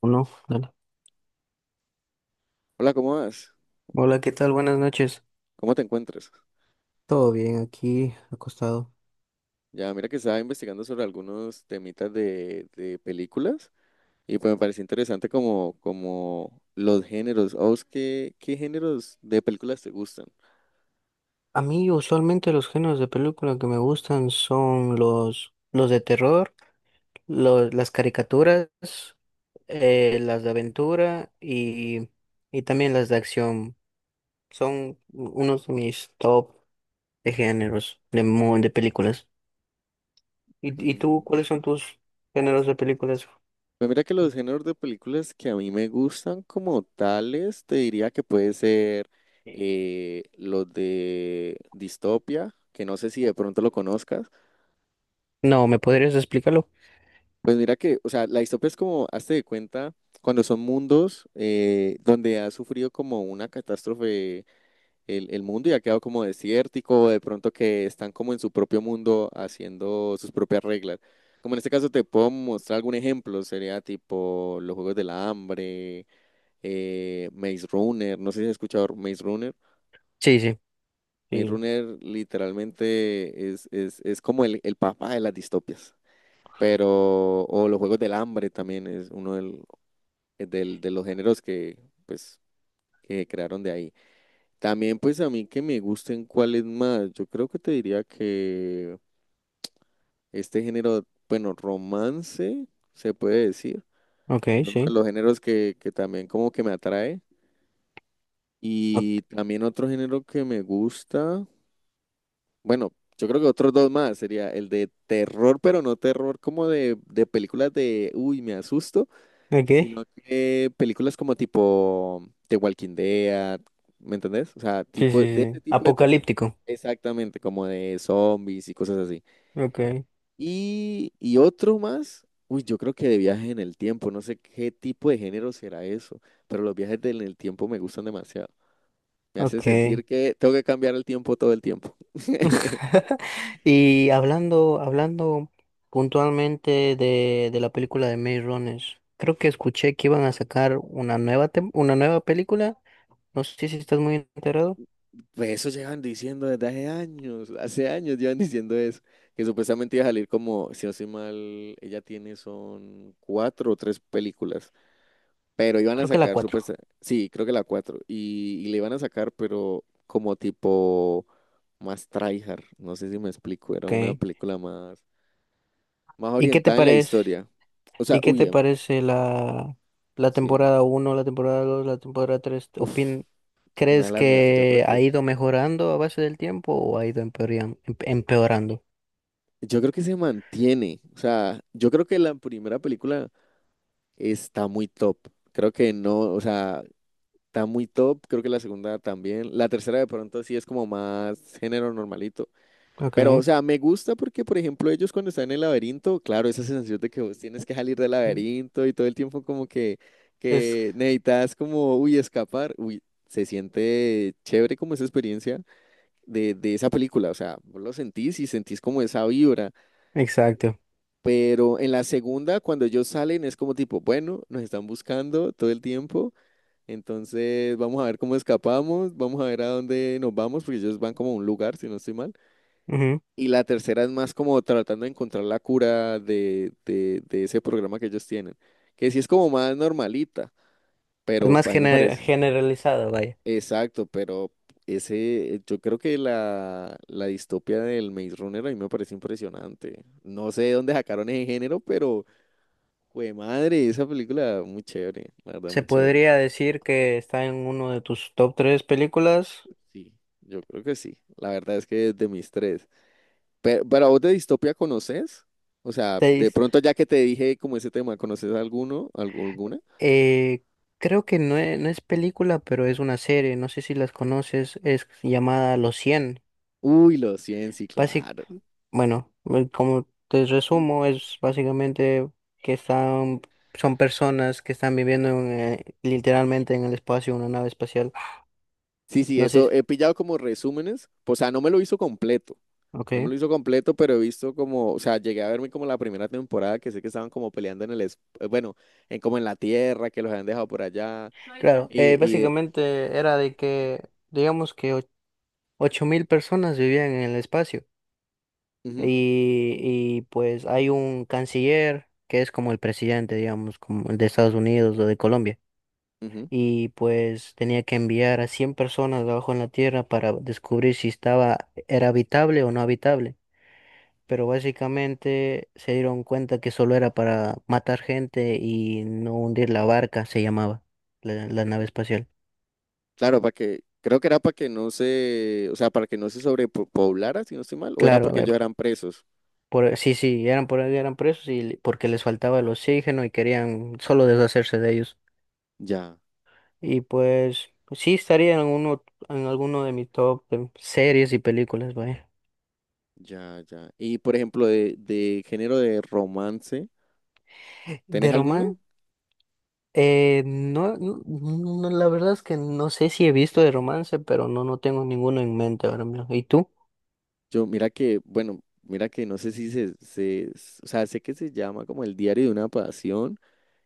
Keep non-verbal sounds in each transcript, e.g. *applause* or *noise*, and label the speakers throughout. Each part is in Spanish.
Speaker 1: Uno, dale.
Speaker 2: Hola, ¿cómo vas?
Speaker 1: Hola, ¿qué tal? Buenas noches.
Speaker 2: ¿Cómo te encuentras?
Speaker 1: Todo bien aquí, acostado.
Speaker 2: Ya, mira que estaba investigando sobre algunos temitas de películas y pues me pareció interesante como los géneros. ¿A vos qué géneros de películas te gustan?
Speaker 1: A mí usualmente los géneros de película que me gustan son los de terror, los, las caricaturas, las de aventura y también las de acción. Son unos de mis top de géneros de películas. ¿Y tú,
Speaker 2: Mm,
Speaker 1: cuáles son tus géneros de películas?
Speaker 2: pues mira que los géneros de películas que a mí me gustan como tales, te diría que puede ser los de distopia, que no sé si de pronto lo conozcas.
Speaker 1: No, ¿me podrías explicarlo?
Speaker 2: Pues mira que, o sea, la distopía es como, hazte de cuenta, cuando son mundos donde ha sufrido como una catástrofe el mundo y ha quedado como desértico, o de pronto que están como en su propio mundo haciendo sus propias reglas. Como en este caso te puedo mostrar algún ejemplo, sería tipo los Juegos del Hambre, Maze Runner, no sé si has escuchado Maze Runner.
Speaker 1: Sí, sí.
Speaker 2: Maze
Speaker 1: Sí.
Speaker 2: Runner literalmente es como el papá de las distopias, pero o los Juegos del Hambre también es uno de los géneros pues, que crearon de ahí. También, pues, a mí que me gusten cuáles más. Yo creo que te diría que este género, bueno, romance, se puede decir,
Speaker 1: Ok,
Speaker 2: que es uno de
Speaker 1: sí.
Speaker 2: los géneros que también como que me atrae. Y también otro género que me gusta, bueno, yo creo que otros dos más, sería el de terror, pero no terror como de películas de, uy, me asusto,
Speaker 1: Ok.
Speaker 2: sino que películas como tipo The Walking Dead, ¿me entendés? O sea,
Speaker 1: Sí,
Speaker 2: tipo de
Speaker 1: sí,
Speaker 2: ese
Speaker 1: sí.
Speaker 2: tipo de terror.
Speaker 1: Apocalíptico.
Speaker 2: Exactamente, como de zombies y cosas así.
Speaker 1: Ok,
Speaker 2: Y otro más, uy, yo creo que de viaje en el tiempo, no sé qué tipo de género será eso, pero los viajes en el tiempo me gustan demasiado. Me hace sentir
Speaker 1: ok.
Speaker 2: que tengo que cambiar el tiempo todo el tiempo. *laughs*
Speaker 1: *laughs* Y hablando, hablando puntualmente de la película de Maze Runners, creo que escuché que iban a sacar una nueva película. No sé si estás muy enterado.
Speaker 2: Pues eso llevan diciendo desde hace años llevan diciendo eso, que supuestamente iba a salir como, si no estoy mal, ella tiene son cuatro o tres películas, pero iban a
Speaker 1: Creo que la
Speaker 2: sacar
Speaker 1: cuatro.
Speaker 2: supuestamente, sí, creo que la cuatro, y le iban a sacar, pero como tipo más tryhard, no sé si me explico, era una
Speaker 1: Ok.
Speaker 2: película más, más
Speaker 1: ¿Y qué te
Speaker 2: orientada en la
Speaker 1: parece?
Speaker 2: historia, o sea,
Speaker 1: ¿Y qué
Speaker 2: uy,
Speaker 1: te parece la
Speaker 2: sí,
Speaker 1: temporada uno, la temporada dos, la temporada tres?
Speaker 2: uf,
Speaker 1: Opin...
Speaker 2: una de
Speaker 1: ¿Crees
Speaker 2: las, yo creo
Speaker 1: que ha ido mejorando a base del tiempo o ha ido empeorando?
Speaker 2: yo creo que se mantiene, o sea, yo creo que la primera película está muy top. Creo que no, o sea, está muy top. Creo que la segunda también. La tercera de pronto sí es como más género normalito. Pero, o
Speaker 1: Ok.
Speaker 2: sea, me gusta porque, por ejemplo, ellos cuando están en el laberinto, claro, esa sensación de que vos tienes que salir del laberinto y todo el tiempo como
Speaker 1: Es
Speaker 2: que necesitas como, uy, escapar. Uy, se siente chévere como esa experiencia de esa película. O sea, vos lo sentís y sentís como esa vibra.
Speaker 1: exacto.
Speaker 2: Pero en la segunda, cuando ellos salen, es como tipo, bueno, nos están buscando todo el tiempo. Entonces, vamos a ver cómo escapamos, vamos a ver a dónde nos vamos, porque ellos van como a un lugar, si no estoy mal.
Speaker 1: Ujú.
Speaker 2: Y la tercera es más como tratando de encontrar la cura de ese programa que ellos tienen, que sí es como más normalita,
Speaker 1: Es
Speaker 2: pero
Speaker 1: más
Speaker 2: a mí me
Speaker 1: gener-
Speaker 2: parece,
Speaker 1: generalizado, vaya.
Speaker 2: exacto, pero ese, yo creo que la distopia del Maze Runner a mí me parece impresionante. No sé de dónde sacaron ese género, pero, jue madre, esa película muy chévere, la verdad,
Speaker 1: Se
Speaker 2: muy chévere.
Speaker 1: podría decir que está en uno de tus top tres películas.
Speaker 2: Sí, yo creo que sí. La verdad es que es de mis tres. Pero vos de distopía, ¿conoces? O sea, de
Speaker 1: Seis.
Speaker 2: pronto ya que te dije como ese tema, ¿conoces alguna?
Speaker 1: Eh, creo que no es, no es película, pero es una serie. No sé si las conoces. Es llamada Los 100.
Speaker 2: Uy, los 100, sí,
Speaker 1: Basic,
Speaker 2: claro.
Speaker 1: bueno, como te resumo, es básicamente que están, son personas que están viviendo literalmente en el espacio, una nave espacial.
Speaker 2: Sí, sí,
Speaker 1: No sé.
Speaker 2: eso he pillado como resúmenes. O sea, no me lo hizo completo. No me
Speaker 1: Ok.
Speaker 2: lo hizo completo, pero he visto como, o sea, llegué a verme como la primera temporada que sé que estaban como peleando en bueno, en como en la tierra, que los habían dejado por allá.
Speaker 1: Claro,
Speaker 2: Y, y,
Speaker 1: básicamente era de que, digamos que 8.000 personas vivían en el espacio
Speaker 2: ujú,
Speaker 1: pues hay un canciller que es como el presidente, digamos, como el de Estados Unidos o de Colombia
Speaker 2: ujú.
Speaker 1: y pues tenía que enviar a 100 personas abajo en la Tierra para descubrir si estaba, era habitable o no habitable, pero básicamente se dieron cuenta que solo era para matar gente y no hundir la barca, se llamaba la nave espacial.
Speaker 2: Claro, para que, creo que era para que no se, o sea, para que no se sobrepoblara, si no estoy mal, o era
Speaker 1: Claro,
Speaker 2: porque ellos eran presos.
Speaker 1: por, sí, sí, eran, por, eran presos y porque les faltaba el oxígeno y querían solo deshacerse de ellos.
Speaker 2: Ya,
Speaker 1: Y pues sí estaría en uno, en alguno de mis top series y películas, vaya.
Speaker 2: ya. Y por ejemplo, de género de romance,
Speaker 1: De
Speaker 2: ¿tenés alguna?
Speaker 1: romance, no, no, no, la verdad es que no sé si he visto de romance, pero no, no tengo ninguno en mente ahora mismo. ¿Y tú?
Speaker 2: Yo, mira que, bueno, mira que no sé si o sea, sé que se llama como el diario de una pasión,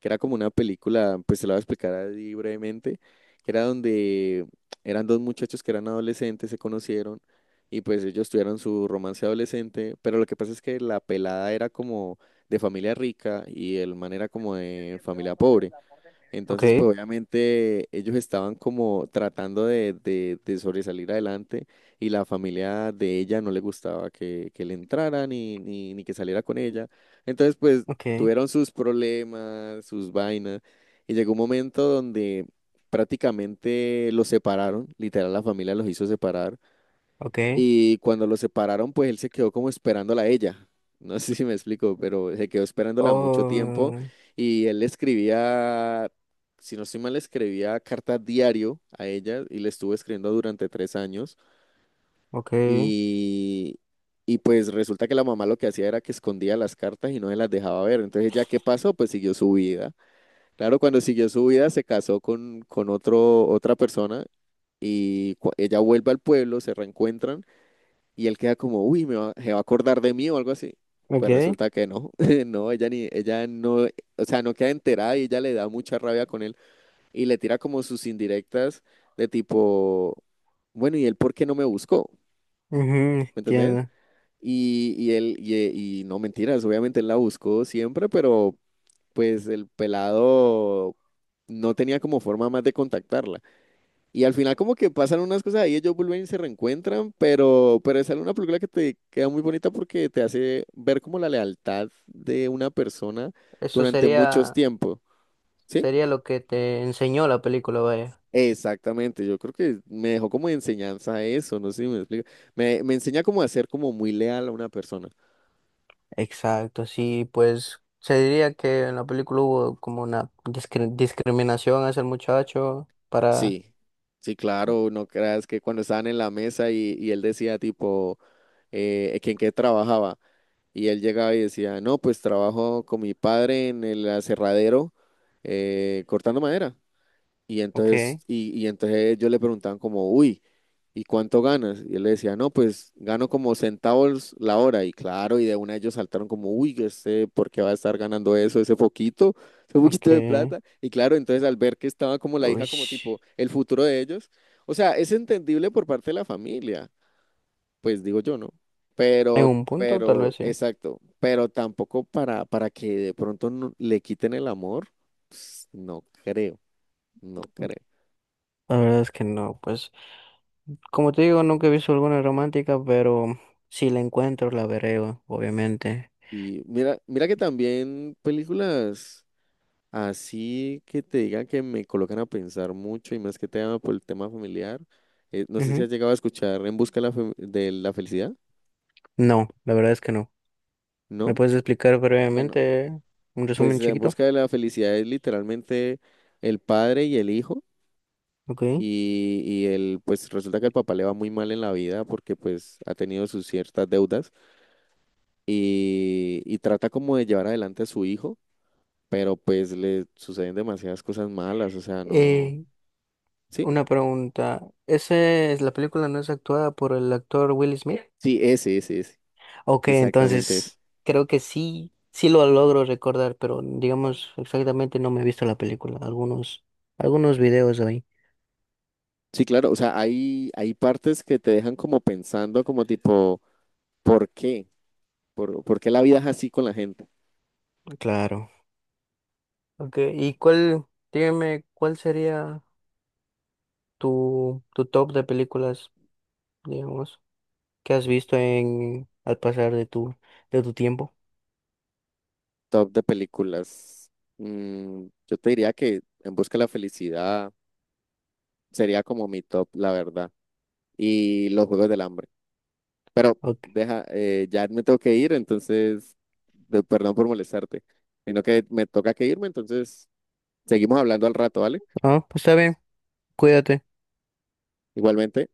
Speaker 2: que era como una película, pues se la voy a explicar así brevemente, que era donde eran dos muchachos que eran adolescentes, se conocieron y pues ellos tuvieron su romance adolescente, pero lo que pasa es que la pelada era como de familia rica y el man era como de familia pobre.
Speaker 1: Ok,
Speaker 2: Entonces, pues obviamente ellos estaban como tratando de sobresalir adelante y la familia de ella no le gustaba que le entrara ni que saliera con ella. Entonces, pues
Speaker 1: ok,
Speaker 2: tuvieron sus problemas, sus vainas y llegó un momento donde prácticamente los separaron, literal la familia los hizo separar
Speaker 1: ok.
Speaker 2: y cuando lo separaron, pues él se quedó como esperándola a ella. No *laughs* sé si me explico, pero se quedó esperándola mucho tiempo
Speaker 1: Oh,
Speaker 2: y él le escribía, si no estoy mal, le escribía cartas diario a ella y le estuvo escribiendo durante tres años.
Speaker 1: ok,
Speaker 2: Y, y pues resulta que la mamá lo que hacía era que escondía las cartas y no se las dejaba ver. Entonces, ¿ya qué pasó? Pues siguió su vida. Claro, cuando siguió su vida se casó con otra persona y ella vuelve al pueblo, se reencuentran y él queda como, uy, me va, se va a acordar de mí o algo así. Pues
Speaker 1: ok.
Speaker 2: resulta que no, *laughs* no, ella no, o sea, no queda enterada y ella le da mucha rabia con él y le tira como sus indirectas de tipo, bueno, ¿y él por qué no me buscó?
Speaker 1: Ujú,
Speaker 2: ¿Me entendés?
Speaker 1: entiendo.
Speaker 2: Y no mentiras, obviamente él la buscó siempre, pero pues el pelado no tenía como forma más de contactarla. Y al final como que pasan unas cosas ahí, ellos vuelven y se reencuentran, pero es una película que te queda muy bonita porque te hace ver como la lealtad de una persona
Speaker 1: Eso
Speaker 2: durante muchos
Speaker 1: sería.
Speaker 2: tiempos, ¿sí?
Speaker 1: Sería lo que te enseñó la película, vaya.
Speaker 2: Exactamente, yo creo que me dejó como enseñanza eso, no sé si me explico. Me enseña como a ser como muy leal a una persona.
Speaker 1: Exacto, sí, pues se diría que en la película hubo como una discriminación hacia el muchacho para...
Speaker 2: Sí, sí, claro, no creas que cuando estaban en la mesa y él decía tipo, que en qué trabajaba. Y él llegaba y decía, no, pues trabajo con mi padre en el aserradero, cortando madera. Y entonces,
Speaker 1: Ok,
Speaker 2: y, y entonces yo le preguntaban como, uy, ¿y cuánto ganas? Y él le decía, no, pues gano como centavos la hora. Y claro, y de una ellos saltaron como, uy, yo sé por qué va a estar ganando eso, ese poquito de
Speaker 1: ok.
Speaker 2: plata. Y claro, entonces al ver que estaba como la hija,
Speaker 1: Uy,
Speaker 2: como tipo, el futuro de ellos, o sea, es entendible por parte de la familia, pues digo yo, ¿no?
Speaker 1: en un punto tal vez
Speaker 2: Pero,
Speaker 1: sí.
Speaker 2: exacto, pero tampoco para que de pronto le quiten el amor, pues, no creo, no creo.
Speaker 1: La verdad es que no, pues como te digo, nunca he visto alguna romántica, pero si la encuentro la veré, obviamente.
Speaker 2: Y mira, mira que también películas así que te digan que me colocan a pensar mucho y más que te llama por el tema familiar. No sé si
Speaker 1: Ujú.
Speaker 2: has llegado a escuchar En busca de de la felicidad,
Speaker 1: No, la verdad es que no. ¿Me
Speaker 2: ¿no?
Speaker 1: puedes explicar
Speaker 2: Bueno,
Speaker 1: brevemente un
Speaker 2: pues
Speaker 1: resumen
Speaker 2: En
Speaker 1: chiquito?
Speaker 2: busca de la felicidad es literalmente el padre y el hijo.
Speaker 1: Ok.
Speaker 2: Y él, pues resulta que el papá le va muy mal en la vida porque pues ha tenido sus ciertas deudas y trata como de llevar adelante a su hijo, pero pues le suceden demasiadas cosas malas, o sea, no...
Speaker 1: Eh,
Speaker 2: Sí,
Speaker 1: una pregunta. ¿Esa es la película, no es actuada por el actor Will Smith?
Speaker 2: sí, ese,
Speaker 1: Ok,
Speaker 2: exactamente ese.
Speaker 1: entonces creo que sí, sí lo logro recordar, pero digamos exactamente no me he visto la película. Algunos videos ahí.
Speaker 2: Sí, claro, o sea, hay partes que te dejan como pensando como tipo, ¿por qué? ¿Por qué la vida es así con la gente?
Speaker 1: Claro. Ok, ¿y cuál, dígame, cuál sería tu top de películas, digamos, que has visto en al pasar de tu tiempo?
Speaker 2: Top de películas. Mm, yo te diría que En busca de la felicidad sería como mi top, la verdad. Y los Juegos del Hambre. Pero
Speaker 1: Ok.
Speaker 2: deja, ya me tengo que ir, entonces, perdón por molestarte, sino que me toca que irme, entonces seguimos hablando al rato, ¿vale?
Speaker 1: Ah, pues está bien, cuídate.
Speaker 2: Igualmente.